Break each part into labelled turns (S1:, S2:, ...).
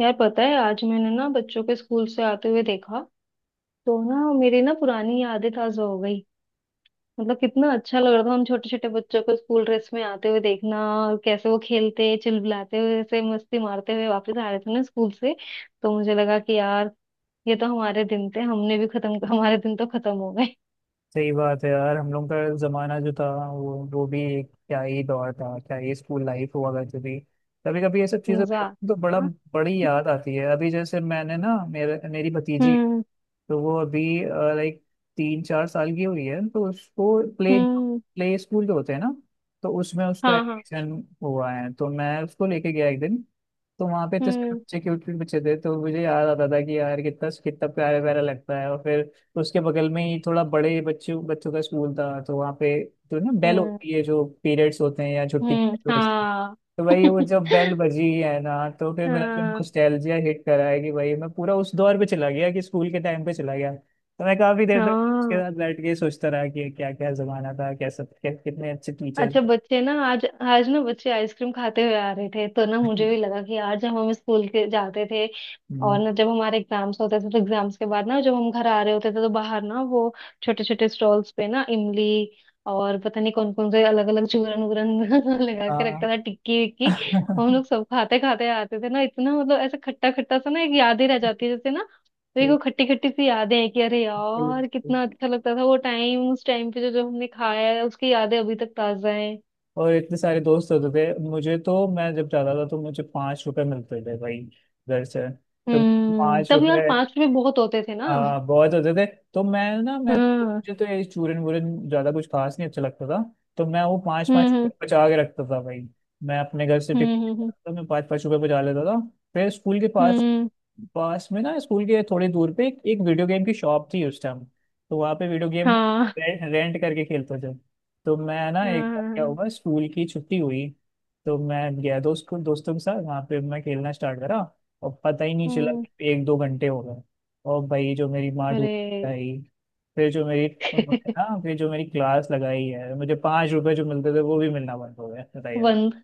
S1: यार पता है आज मैंने ना बच्चों के स्कूल से आते हुए देखा। तो ना मेरी ना पुरानी यादें ताजा हो गई। मतलब कितना अच्छा लग रहा था हम छोटे छोटे बच्चों को स्कूल ड्रेस में आते हुए देखना। और कैसे वो खेलते चिल्लाते हुए ऐसे मस्ती मारते हुए वापस आ रहे थे ना स्कूल से। तो मुझे लगा कि यार ये तो हमारे दिन थे हमने भी खत्म हमारे दिन तो खत्म हो गए।
S2: सही बात है यार। हम लोग का जमाना जो था वो भी एक क्या ही दौर था, क्या ही स्कूल लाइफ हुआ करती थी। कभी कभी ये सब चीजें
S1: मजा
S2: देखो
S1: आ।
S2: तो बड़ा
S1: हाँ?
S2: बड़ी याद आती है। अभी जैसे मैंने ना मेरे मेरी भतीजी,
S1: हम्म।
S2: तो वो अभी लाइक 3-4 साल की हुई है, तो उसको प्ले
S1: हम्म।
S2: प्ले स्कूल जो होते हैं ना, तो उसमें उसका
S1: हाँ। हाँ।
S2: एडमिशन हुआ है, तो मैं उसको लेके गया एक दिन। तो वहाँ पे इतने सारे
S1: हम्म।
S2: बच्चे क्यूट क्यूट बच्चे थे, तो मुझे याद आता था कि यार कितना कितना प्यारा प्यारा लगता है। और फिर उसके बगल में ही थोड़ा बड़े बच्चों बच्चों का स्कूल था, तो वहाँ पे जो ना बेल
S1: हम्म।
S2: होती है, जो पीरियड्स होते हैं या छुट्टी के
S1: हम्म।
S2: time होते हैं,
S1: हाँ।
S2: तो भाई वो जब बेल बजी है ना, तो फिर मेरा जो
S1: हाँ।
S2: नॉस्टैल्जिया हिट करा है कि भाई मैं पूरा उस दौर पे चला गया, कि स्कूल के टाइम पे चला गया। तो मैं काफी देर तक उसके
S1: हाँ।
S2: साथ बैठ के सोचता रहा कि क्या क्या जमाना था, कैसा क्या, कितने अच्छे टीचर्स।
S1: अच्छा बच्चे ना आज आज ना बच्चे आइसक्रीम खाते हुए आ रहे थे तो ना मुझे भी लगा कि यार जब हम स्कूल के जाते थे और
S2: हम्म।
S1: ना जब हमारे एग्जाम्स होते थे तो एग्जाम्स के बाद ना जब हम घर आ रहे होते थे तो बाहर ना वो छोटे छोटे स्टॉल्स पे ना इमली और पता नहीं कौन कौन से अलग अलग चूरन वूरन लगा के रखता
S2: हाँ।
S1: था टिक्की विक्की। हम लोग सब खाते खाते आते थे ना इतना मतलब ऐसा खट्टा खट्टा सा ना एक याद ही रह जाती है जैसे ना। देखो
S2: बिल्कुल।
S1: खट्टी खट्टी सी यादें हैं कि अरे यार कितना अच्छा लगता था वो टाइम। उस टाइम पे जो जो हमने खाया है उसकी यादें अभी तक ताजा हैं।
S2: और इतने सारे दोस्त होते थे। मुझे तो मैं जब जाता था तो मुझे ₹5 मिलते थे भाई, घर से। तो पाँच
S1: तब यार
S2: रुपए
S1: 5 रुपए बहुत होते थे ना।
S2: हाँ, बहुत होते थे। तो मैं
S1: हाँ। हम्म।
S2: मुझे तो ये चूरन वूरन ज्यादा कुछ खास नहीं अच्छा लगता था। तो मैं वो पाँच पाँच
S1: हम्म।
S2: रुपए बचा के रखता था भाई। मैं अपने घर से टिफिन
S1: हम्म।
S2: लेके
S1: हम्म।
S2: आता था, मैं ₹5-₹5 बचा लेता था। फिर स्कूल के पास
S1: हम्म,
S2: पास में ना, स्कूल के थोड़ी दूर पे एक वीडियो गेम की शॉप थी उस टाइम। तो वहाँ पे वीडियो गेम
S1: हाँ।
S2: रेंट करके खेलते थे। तो मैं ना
S1: हाँ।
S2: एक बार क्या
S1: हाँ,
S2: हुआ, स्कूल की छुट्टी हुई, तो मैं गया दोस्तों के साथ। वहाँ पे मैं खेलना स्टार्ट करा और पता ही नहीं चला
S1: हम्म।
S2: कि 1-2 घंटे हो। और भाई जो मेरी माँ
S1: अरे
S2: ढूंढाई, फिर जो मेरी, हाँ, फिर जो मेरी क्लास लगाई है। मुझे पाँच रुपए जो मिलते थे, वो भी मिलना बंद हो गया, बताइए।
S1: बंद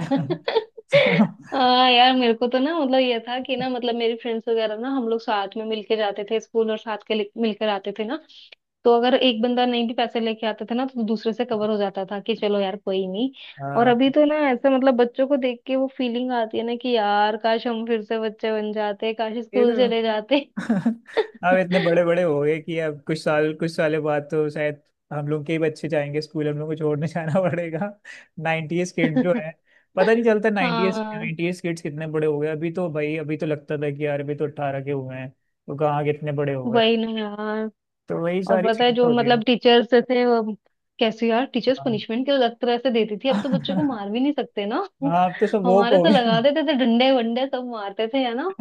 S2: तो
S1: हाँ यार मेरे को तो ना मतलब ये था कि ना मतलब मेरी फ्रेंड्स वगैरह ना हम लोग साथ में मिलके जाते थे स्कूल और मिलकर आते थे ना। तो अगर एक बंदा नहीं भी पैसे लेके आता था ना तो दूसरे से कवर हो जाता था कि चलो यार कोई नहीं। और अभी
S2: हाँ।
S1: तो ना ऐसे मतलब बच्चों को देख के वो फीलिंग आती है ना कि यार काश हम फिर से बच्चे बन जाते काश
S2: ये
S1: स्कूल
S2: तो,
S1: चले जाते।
S2: अब इतने बड़े बड़े हो गए कि अब कुछ साल, कुछ सालों बाद तो शायद हम लोग के ही बच्चे जाएंगे स्कूल, हम लोग को छोड़ने जाना पड़ेगा। नाइनटीज किड जो है, पता नहीं चलता नाइनटीज
S1: हाँ
S2: नाइनटीज किड्स कितने बड़े हो गए। अभी तो भाई अभी तो लगता था कि यार अभी तो 18 के हुए हैं, तो कहाँ कितने बड़े हो गए।
S1: वही ना यार।
S2: तो वही
S1: और
S2: सारी
S1: पता है
S2: चीजें
S1: जो
S2: होती
S1: मतलब टीचर्स थे वो कैसे यार टीचर्स
S2: है।
S1: पनिशमेंट क्यों अलग तरह से देती थी। अब तो बच्चों को
S2: हाँ।
S1: मार भी नहीं सकते ना।
S2: अब तो सब वोक
S1: हमारे
S2: हो
S1: तो लगा
S2: गए।
S1: देते थे डंडे वंडे सब मारते थे है ना।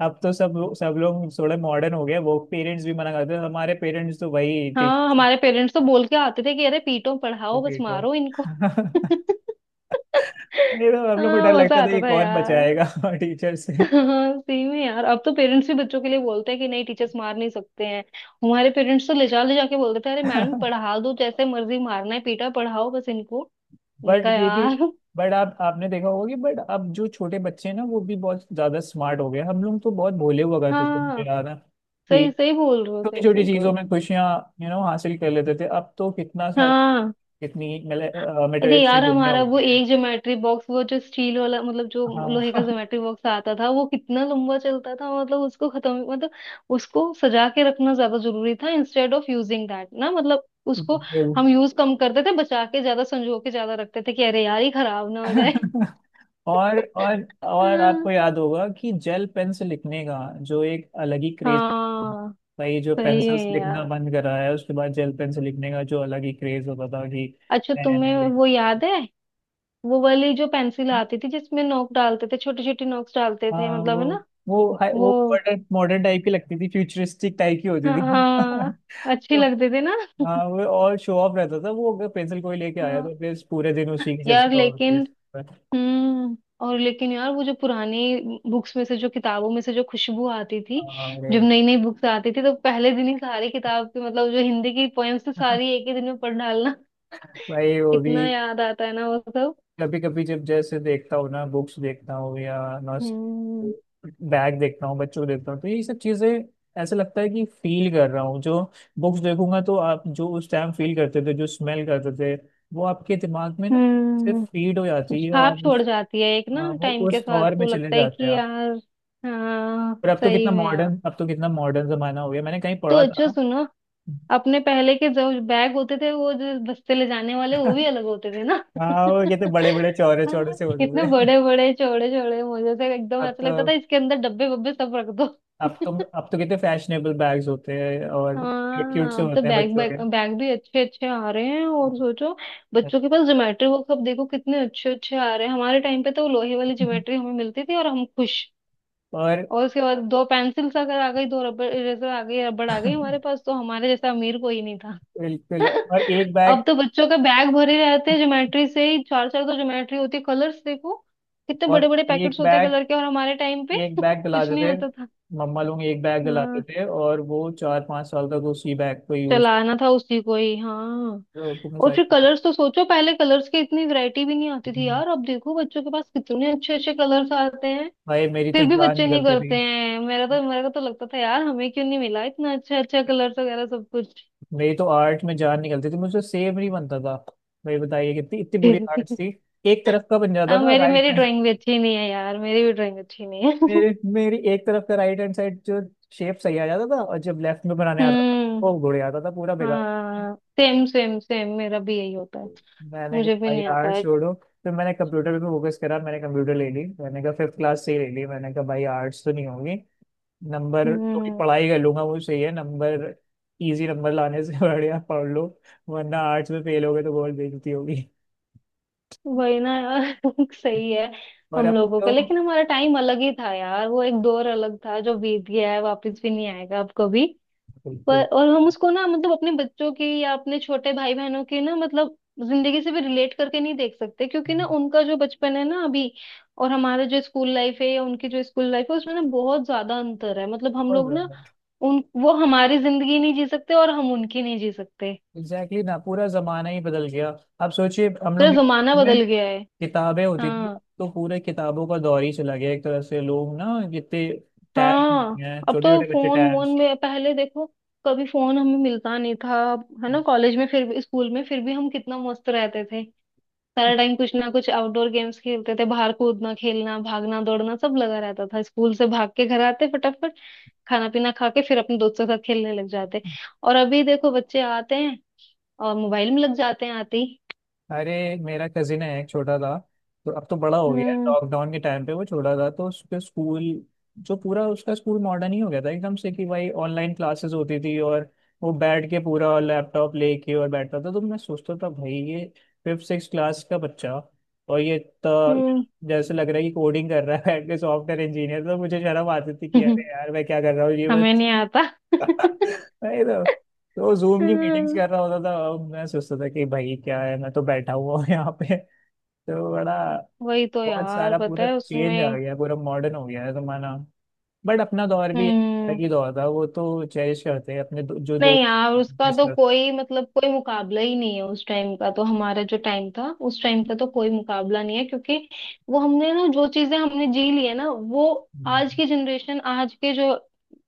S2: अब तो सब लोग थोड़े मॉडर्न हो गए, वो पेरेंट्स भी मना करते हैं। हमारे पेरेंट्स तो वही
S1: हाँ
S2: टीचर,
S1: हमारे पेरेंट्स तो बोल के आते थे कि अरे पीटो पढ़ाओ बस
S2: पीटो।
S1: मारो इनको।
S2: ये तो हम लोग को
S1: हाँ
S2: डर
S1: मजा
S2: लगता था,
S1: आता
S2: ये
S1: था
S2: कौन
S1: यार।
S2: बचाएगा टीचर से।
S1: हाँ सही में यार अब तो पेरेंट्स भी बच्चों के लिए बोलते हैं कि नहीं टीचर्स मार नहीं सकते हैं। हमारे पेरेंट्स तो ले जा ले जाके बोलते थे अरे मैडम पढ़ा दो जैसे मर्जी मारना है पीटा पढ़ाओ बस इनको। मैंने
S2: बट
S1: कहा
S2: ये भी,
S1: यार।
S2: बट आप आपने देखा होगा कि बट अब जो छोटे बच्चे हैं ना, वो भी बहुत ज्यादा स्मार्ट हो गए। हम लोग तो बहुत भोले हुआ करते थे। मुझे
S1: हाँ
S2: याद है कि
S1: सही सही बोल रहे हो
S2: छोटी
S1: सही
S2: छोटी
S1: बोल रहे
S2: चीजों
S1: हो।
S2: में खुशियां, यू नो, हासिल कर लेते थे। अब तो कितना सारा,
S1: हाँ
S2: कितनी
S1: अरे
S2: मेटावेव से
S1: यार
S2: दुनिया
S1: हमारा
S2: हो
S1: वो
S2: गई है।
S1: एक ज्योमेट्री बॉक्स वो जो स्टील वाला मतलब जो
S2: हाँ।
S1: लोहे का ज्योमेट्री बॉक्स आता था वो कितना लंबा चलता था। मतलब उसको खत्म मतलब उसको सजा के रखना ज्यादा जरूरी था इंस्टेड ऑफ यूजिंग दैट ना मतलब उसको
S2: बिल्कुल।
S1: हम यूज कम करते थे बचा के ज्यादा संजो के ज्यादा रखते थे कि अरे यार ये खराब ना हो जाए।
S2: और आपको याद होगा कि जेल पेन से लिखने का जो एक अलग ही क्रेज।
S1: हाँ
S2: भाई जो
S1: सही है
S2: पेंसिल से लिखना
S1: यार।
S2: बंद करा है, उसके बाद जेल पेन से लिखने का जो अलग ही क्रेज होता था कि
S1: अच्छा
S2: नया नया
S1: तुम्हें
S2: लिख।
S1: वो याद है वो वाली जो पेंसिल आती थी जिसमें नोक डालते थे छोटी छोटी नोक्स डालते थे
S2: हाँ
S1: मतलब
S2: वो,
S1: है ना।
S2: वो
S1: वो
S2: मॉडर्न मॉडर्न टाइप की लगती थी, फ्यूचरिस्टिक टाइप की होती थी।
S1: हाँ अच्छी
S2: तो
S1: लगते थे ना।
S2: हाँ, वो और शो ऑफ रहता था। वो अगर पेंसिल कोई लेके आया
S1: हाँ
S2: तो फिर पूरे दिन उसी की
S1: यार
S2: चर्चा होती
S1: लेकिन
S2: है।
S1: हम्म और लेकिन यार वो जो पुरानी बुक्स में से जो किताबों में से जो खुशबू आती थी
S2: अरे,
S1: जब नई नई बुक्स आती थी तो पहले दिन ही सारी किताब की मतलब जो हिंदी की पोएम्स थी सारी एक ही दिन में पढ़ डालना।
S2: भाई वो भी।
S1: कितना याद आता है ना वो सब।
S2: कभी कभी जब जैसे देखता हूँ ना, बुक्स देखता हूँ या नॉस
S1: हम्म।
S2: बैग देखता हूँ, बच्चों को देखता हूँ, तो ये सब चीजें ऐसा लगता है कि फील कर रहा हूँ। जो बुक्स देखूंगा, तो आप जो उस टाइम फील करते थे, जो स्मेल करते थे, वो आपके दिमाग में ना सिर्फ
S1: हम्म।
S2: फीड हो जाती है।
S1: छाप
S2: और
S1: छोड़
S2: उस,
S1: जाती है एक ना
S2: हाँ, वो
S1: टाइम के
S2: उस
S1: साथ
S2: दौर में
S1: तो
S2: चले
S1: लगता है कि
S2: जाते हैं आप।
S1: यार हाँ
S2: पर अब तो कितना
S1: सही में यार।
S2: मॉडर्न, अब तो कितना मॉडर्न जमाना हो गया। मैंने कहीं
S1: तो
S2: पढ़ा
S1: अच्छा
S2: था।
S1: सुनो अपने पहले के जो बैग होते थे वो जो बस्ते ले जाने वाले वो भी अलग होते थे ना।
S2: हाँ, वो कहते बड़े बड़े चौड़े चौड़े
S1: हाँ
S2: से होते
S1: इतने
S2: थे।
S1: बड़े बड़े चौड़े चौड़े मुझे से एकदम
S2: अब
S1: ऐसा
S2: तो,
S1: लगता था इसके अंदर डब्बे वब्बे सब रख दो।
S2: अब तो अब तो कितने फैशनेबल बैग्स होते हैं। और क्यूट
S1: हाँ
S2: से
S1: अब तो
S2: होते हैं
S1: बैग
S2: बच्चों
S1: बैग
S2: के।
S1: बैग भी अच्छे अच्छे आ रहे हैं और सोचो बच्चों के पास ज्योमेट्री बॉक्स अब देखो कितने अच्छे अच्छे आ रहे हैं। हमारे टाइम पे तो वो लोहे वाली ज्योमेट्री हमें मिलती थी और हम खुश।
S2: और
S1: और उसके बाद दो पेंसिल्स अगर आ गई दो रबड़ इरेजर आ गई रबड़ आ गई हमारे पास तो हमारे जैसा अमीर कोई नहीं था।
S2: बिल्कुल। और एक
S1: अब
S2: बैग,
S1: तो बच्चों के बैग भरे रहते हैं ज्योमेट्री से ही चार चार तो ज्योमेट्री होती है कलर्स देखो कितने बड़े
S2: और
S1: बड़े पैकेट्स
S2: एक
S1: होते हैं
S2: बैग
S1: कलर के। और हमारे टाइम पे
S2: एक बैग
S1: कुछ
S2: दिलाते
S1: नहीं
S2: थे
S1: होता था।
S2: मम्मा लोग, एक बैग दिलाते
S1: हाँ
S2: थे, और वो 4-5 साल तक उसी बैग को यूज।
S1: चलाना था उसी को ही। हाँ और फिर कलर्स तो सोचो पहले कलर्स की इतनी वैरायटी भी नहीं आती थी यार अब देखो बच्चों के पास कितने अच्छे अच्छे कलर्स आते
S2: भाई मेरी तो
S1: फिर भी
S2: जान
S1: बच्चे नहीं
S2: निकलती थी।
S1: करते हैं। मेरा तो मेरे को तो लगता था यार हमें क्यों नहीं मिला इतना अच्छा अच्छा कलर्स वगैरह सब कुछ।
S2: मेरी तो आर्ट में जान निकलती थी, मुझे सेब नहीं बनता था भाई। बताइए कितनी इतनी बुरी आर्ट थी। एक तरफ का बन जाता
S1: हाँ
S2: था
S1: मेरी
S2: राइट।
S1: मेरी ड्राइंग भी अच्छी नहीं है यार मेरी भी ड्राइंग अच्छी नहीं है।
S2: मेरे मेरी एक तरफ का राइट हैंड साइड जो शेप सही आ जाता था, और जब लेफ्ट में बनाने आता था
S1: हम्म।
S2: वो बुढ़े आता था, पूरा बेकार।
S1: हाँ सेम सेम सेम मेरा भी यही होता है।
S2: मैंने कहा
S1: मुझे भी
S2: भाई
S1: नहीं आता
S2: यार
S1: है।
S2: छोड़ो। फिर मैंने कंप्यूटर पे फोकस करा, मैंने कंप्यूटर ले ली। मैंने कहा फिफ्थ क्लास से ही ले ली, मैंने कहा भाई आर्ट्स तो नहीं होगी। नंबर थोड़ी
S1: हम्म
S2: पढ़ाई कर लूंगा, वो सही है। नंबर इजी नंबर लाने से बढ़िया पढ़ लो। वरना आर्ट्स में फेल हो गए तो बहुत बेइज्जती होगी।
S1: वही ना यार। सही है।
S2: और
S1: हम
S2: अब
S1: लोगों का
S2: तो,
S1: लेकिन हमारा टाइम अलग ही था यार वो एक दौर अलग था जो बीत गया है वापस भी नहीं आएगा अब कभी। पर
S2: बिल्कुल।
S1: और हम उसको ना मतलब अपने बच्चों की या अपने छोटे भाई बहनों की ना मतलब जिंदगी से भी रिलेट करके नहीं देख सकते क्योंकि ना उनका जो बचपन है ना अभी और हमारा जो स्कूल लाइफ है या उनकी जो स्कूल लाइफ है उसमें ना बहुत ज्यादा अंतर है। मतलब हम लोग ना उन वो हमारी जिंदगी नहीं जी सकते और हम उनकी नहीं जी सकते।
S2: एग्जैक्टली exactly ना, पूरा जमाना ही बदल गया। आप सोचिए हम
S1: पूरा
S2: लोग के
S1: जमाना
S2: ज़माने में
S1: बदल गया है।
S2: किताबें होती थी,
S1: हाँ।
S2: अब तो पूरे किताबों का दौर ही चला गया एक तरह से। लोग ना कितने टैब,
S1: हाँ।
S2: हैं
S1: अब
S2: छोटे
S1: तो
S2: छोटे बच्चे
S1: फोन वोन
S2: टैब्स।
S1: में पहले देखो कभी फोन हमें मिलता नहीं था है ना। कॉलेज में फिर भी स्कूल में फिर भी हम कितना मस्त रहते थे। सारा टाइम कुछ ना कुछ आउटडोर गेम्स खेलते थे बाहर कूदना खेलना भागना दौड़ना सब लगा रहता था स्कूल से भाग के घर आते फटाफट खाना पीना खा के फिर अपने दोस्तों के साथ खेलने लग जाते। और अभी देखो बच्चे आते हैं और मोबाइल में लग जाते हैं आते ही।
S2: अरे, मेरा कजिन है एक छोटा था, तो अब तो बड़ा हो गया है।
S1: हम्म।
S2: लॉकडाउन के टाइम पे वो छोटा था, तो उसके स्कूल, जो पूरा उसका स्कूल मॉडर्न ही हो गया था एकदम से। कि भाई ऑनलाइन क्लासेस होती थी और वो बैठ के पूरा लैपटॉप लेके और बैठता था। तो मैं सोचता था भाई ये फिफ्थ सिक्स क्लास का बच्चा, और ये तो
S1: हम्म।
S2: जैसे लग रहा है कि कोडिंग कर रहा है, बैठ के सॉफ्टवेयर इंजीनियर। तो मुझे शर्म आती थी कि अरे यार मैं क्या कर रहा हूँ ये।
S1: हमें नहीं आता।
S2: नहीं तो, तो जूम की मीटिंग्स
S1: हम्म।
S2: कर रहा होता था। अब मैं सोचता था कि भाई क्या है, मैं तो बैठा हुआ हूँ यहाँ पे तो बड़ा।
S1: वही तो
S2: बहुत
S1: यार
S2: सारा
S1: पता
S2: पूरा
S1: है
S2: चेंज आ
S1: उसमें
S2: गया, पूरा मॉडर्न हो गया है जमाना। बट अपना दौर भी एक अलग
S1: हम्म।
S2: ही दौर था, वो तो चेरिश करते हैं अपने दो, जो
S1: नहीं
S2: दोस्त।
S1: यार उसका
S2: Yes,
S1: तो
S2: sir.
S1: कोई मतलब कोई मुकाबला ही नहीं है। उस टाइम का तो हमारा जो टाइम था उस टाइम का तो कोई मुकाबला नहीं है क्योंकि वो हमने ना जो चीजें हमने जी ली है ना वो आज
S2: हम्म।
S1: की जनरेशन आज के जो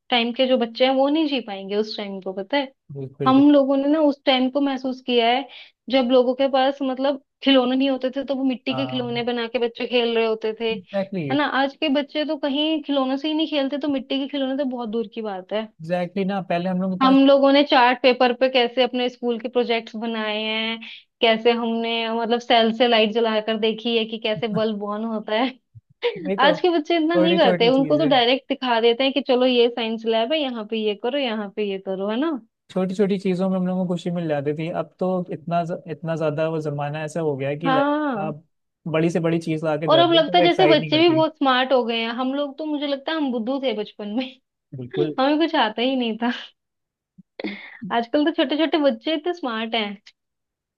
S1: टाइम के जो बच्चे हैं वो नहीं जी पाएंगे उस टाइम को पता है।
S2: बिल्कुल बिल्कुल।
S1: हम लोगों ने ना उस टाइम को महसूस किया है जब लोगों के पास मतलब खिलौने नहीं होते थे तो वो मिट्टी के
S2: हाँ।
S1: खिलौने बना के बच्चे खेल रहे होते थे।
S2: एग्जैक्टली।
S1: है ना आज के बच्चे तो कहीं खिलौनों से ही नहीं खेलते तो मिट्टी के खिलौने तो बहुत दूर की बात है।
S2: एग्जैक्टली ना, पहले हम लोग के
S1: हम
S2: पास।
S1: लोगों ने चार्ट पेपर पे कैसे अपने स्कूल के प्रोजेक्ट्स बनाए हैं कैसे हमने मतलब सेल से लाइट जलाकर देखी है कि कैसे बल्ब ऑन होता है।
S2: नहीं तो,
S1: आज के बच्चे इतना नहीं
S2: छोटी
S1: करते
S2: छोटी
S1: उनको तो
S2: चीजें,
S1: डायरेक्ट दिखा देते हैं कि चलो ये साइंस लैब है यहाँ पे ये करो यहाँ पे ये करो है ना।
S2: छोटी छोटी चीजों में हम लोगों को खुशी मिल जाती थी। अब तो इतना, इतना ज्यादा वो जमाना ऐसा हो गया है कि लाइक
S1: हाँ।
S2: आप बड़ी से बड़ी चीज ला के
S1: और
S2: दे
S1: अब
S2: दो तो
S1: लगता है
S2: वो
S1: जैसे
S2: एक्साइट नहीं
S1: बच्चे भी
S2: करती।
S1: बहुत स्मार्ट हो गए हैं। हम लोग तो मुझे लगता है हम बुद्धू थे बचपन में।
S2: बिल्कुल
S1: हमें कुछ आता ही नहीं था। आजकल तो छोटे छोटे बच्चे इतने स्मार्ट हैं।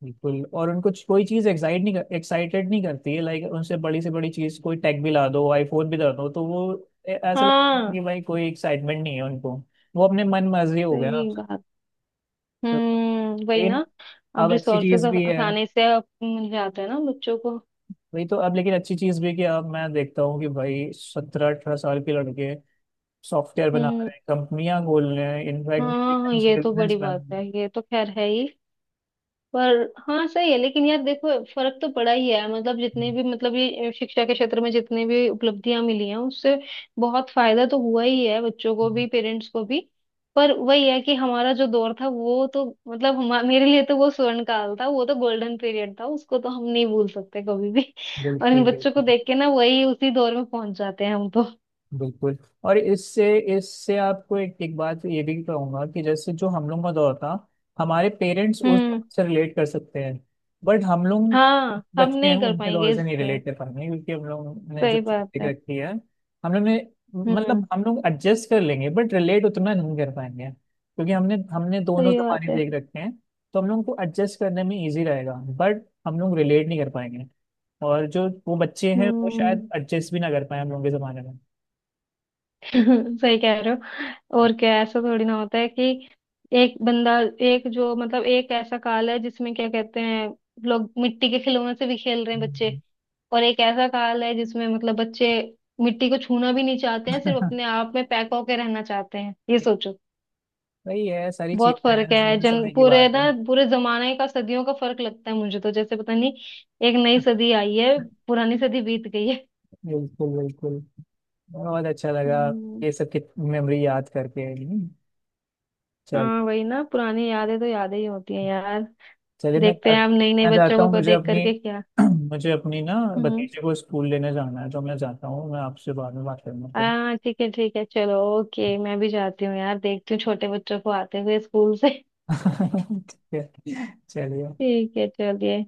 S2: बिल्कुल। और उनको कोई चीज एक्साइट नहीं कर, एक्साइटेड नहीं करती है। लाइक उनसे बड़ी से बड़ी चीज कोई टैग भी ला दो, आईफोन भी दे दो, तो वो ऐसा लगता है
S1: हाँ
S2: कि भाई कोई एक्साइटमेंट नहीं है उनको। वो अपने मन मर्जी हो गया
S1: सही
S2: अब
S1: बात।
S2: सब तो।
S1: वही ना।
S2: लेकिन,
S1: अब
S2: अब अच्छी
S1: रिसोर्सेज
S2: चीज भी है।
S1: आसानी से अब मिल जाते हैं ना बच्चों को।
S2: वही तो, अब लेकिन अच्छी चीज भी है कि अब मैं देखता हूँ कि भाई 17-18 साल के लड़के सॉफ्टवेयर बना
S1: हम्म
S2: रहे हैं, कंपनियां खोल रहे हैं। इनफैक्ट
S1: हाँ
S2: बिजनेस
S1: ये तो
S2: बिजनेस
S1: बड़ी
S2: बन।
S1: बात है ये तो खैर है ही। पर हाँ सही है लेकिन यार देखो फर्क तो पड़ा ही है मतलब जितने भी मतलब ये शिक्षा के क्षेत्र में जितने भी उपलब्धियां मिली हैं उससे बहुत फायदा तो हुआ ही है बच्चों को भी पेरेंट्स को भी। पर वही है कि हमारा जो दौर था वो तो मतलब मेरे लिए तो वो स्वर्ण काल था वो तो गोल्डन पीरियड था उसको तो हम नहीं भूल सकते कभी भी। और इन
S2: बिल्कुल
S1: बच्चों को
S2: बिल्कुल
S1: देख के ना वही उसी दौर में पहुंच जाते हैं हम तो।
S2: बिल्कुल। और इससे इससे आपको एक एक बात ये भी कहूंगा कि जैसे जो हम लोग का दौर था, हमारे पेरेंट्स उस दौर
S1: हम्म।
S2: से रिलेट कर सकते हैं। बट हम लोग
S1: हाँ हम
S2: बच्चे हैं,
S1: नहीं कर
S2: उनके
S1: पाएंगे
S2: दौर से नहीं
S1: इससे।
S2: रिलेट कर पाएंगे, क्योंकि हम लोग ने जो
S1: सही बात
S2: सोच
S1: है।
S2: रखी है। हम लोग ने,
S1: हम्म
S2: मतलब हम लोग एडजस्ट कर लेंगे, बट रिलेट उतना नहीं कर पाएंगे, क्योंकि हमने हमने दोनों
S1: सही
S2: जमाने
S1: बात है।
S2: देख रखे हैं। तो हम लोग को एडजस्ट करने में इजी रहेगा, बट हम लोग रिलेट नहीं कर पाएंगे। और जो वो बच्चे हैं, वो
S1: हम्म।
S2: शायद एडजस्ट भी ना कर पाए हम लोग के जमाने में।
S1: सही कह रहे हो। और क्या ऐसा थोड़ी ना होता है कि एक बंदा एक जो मतलब एक ऐसा काल है जिसमें क्या कहते हैं लोग मिट्टी के खिलौने से भी खेल रहे हैं बच्चे। और एक ऐसा काल है जिसमें मतलब बच्चे मिट्टी को छूना भी नहीं चाहते हैं सिर्फ अपने आप में पैक होके रहना चाहते हैं ये सोचो।
S2: वही है, सारी
S1: बहुत
S2: चीजें
S1: फर्क
S2: हैं,
S1: है
S2: समय
S1: जन
S2: समय की
S1: पूरे
S2: बात
S1: ना
S2: है।
S1: पूरे जमाने का सदियों का फर्क लगता है मुझे तो जैसे पता नहीं एक नई सदी आई है पुरानी सदी बीत गई है।
S2: बिल्कुल बिल्कुल। बहुत अच्छा लगा
S1: हम्म,
S2: ये सब की मेमोरी याद करके। चल,
S1: हाँ वही ना पुरानी यादें तो यादें ही होती हैं यार।
S2: चलिए मैं
S1: देखते हैं हम नई नई
S2: मैं
S1: बच्चों
S2: जाता
S1: को
S2: हूँ।
S1: को
S2: मुझे
S1: देख
S2: अपनी,
S1: करके क्या।
S2: मुझे अपनी ना
S1: हम्म
S2: भतीजे को स्कूल लेने जाना है, तो मैं जाता हूँ। मैं आपसे बाद में बात करूंगा फिर।
S1: हाँ ठीक है चलो ओके मैं भी जाती हूँ यार देखती हूँ छोटे बच्चों को आते हुए स्कूल से।
S2: ठीक है, चलिए।
S1: ठीक है चलिए।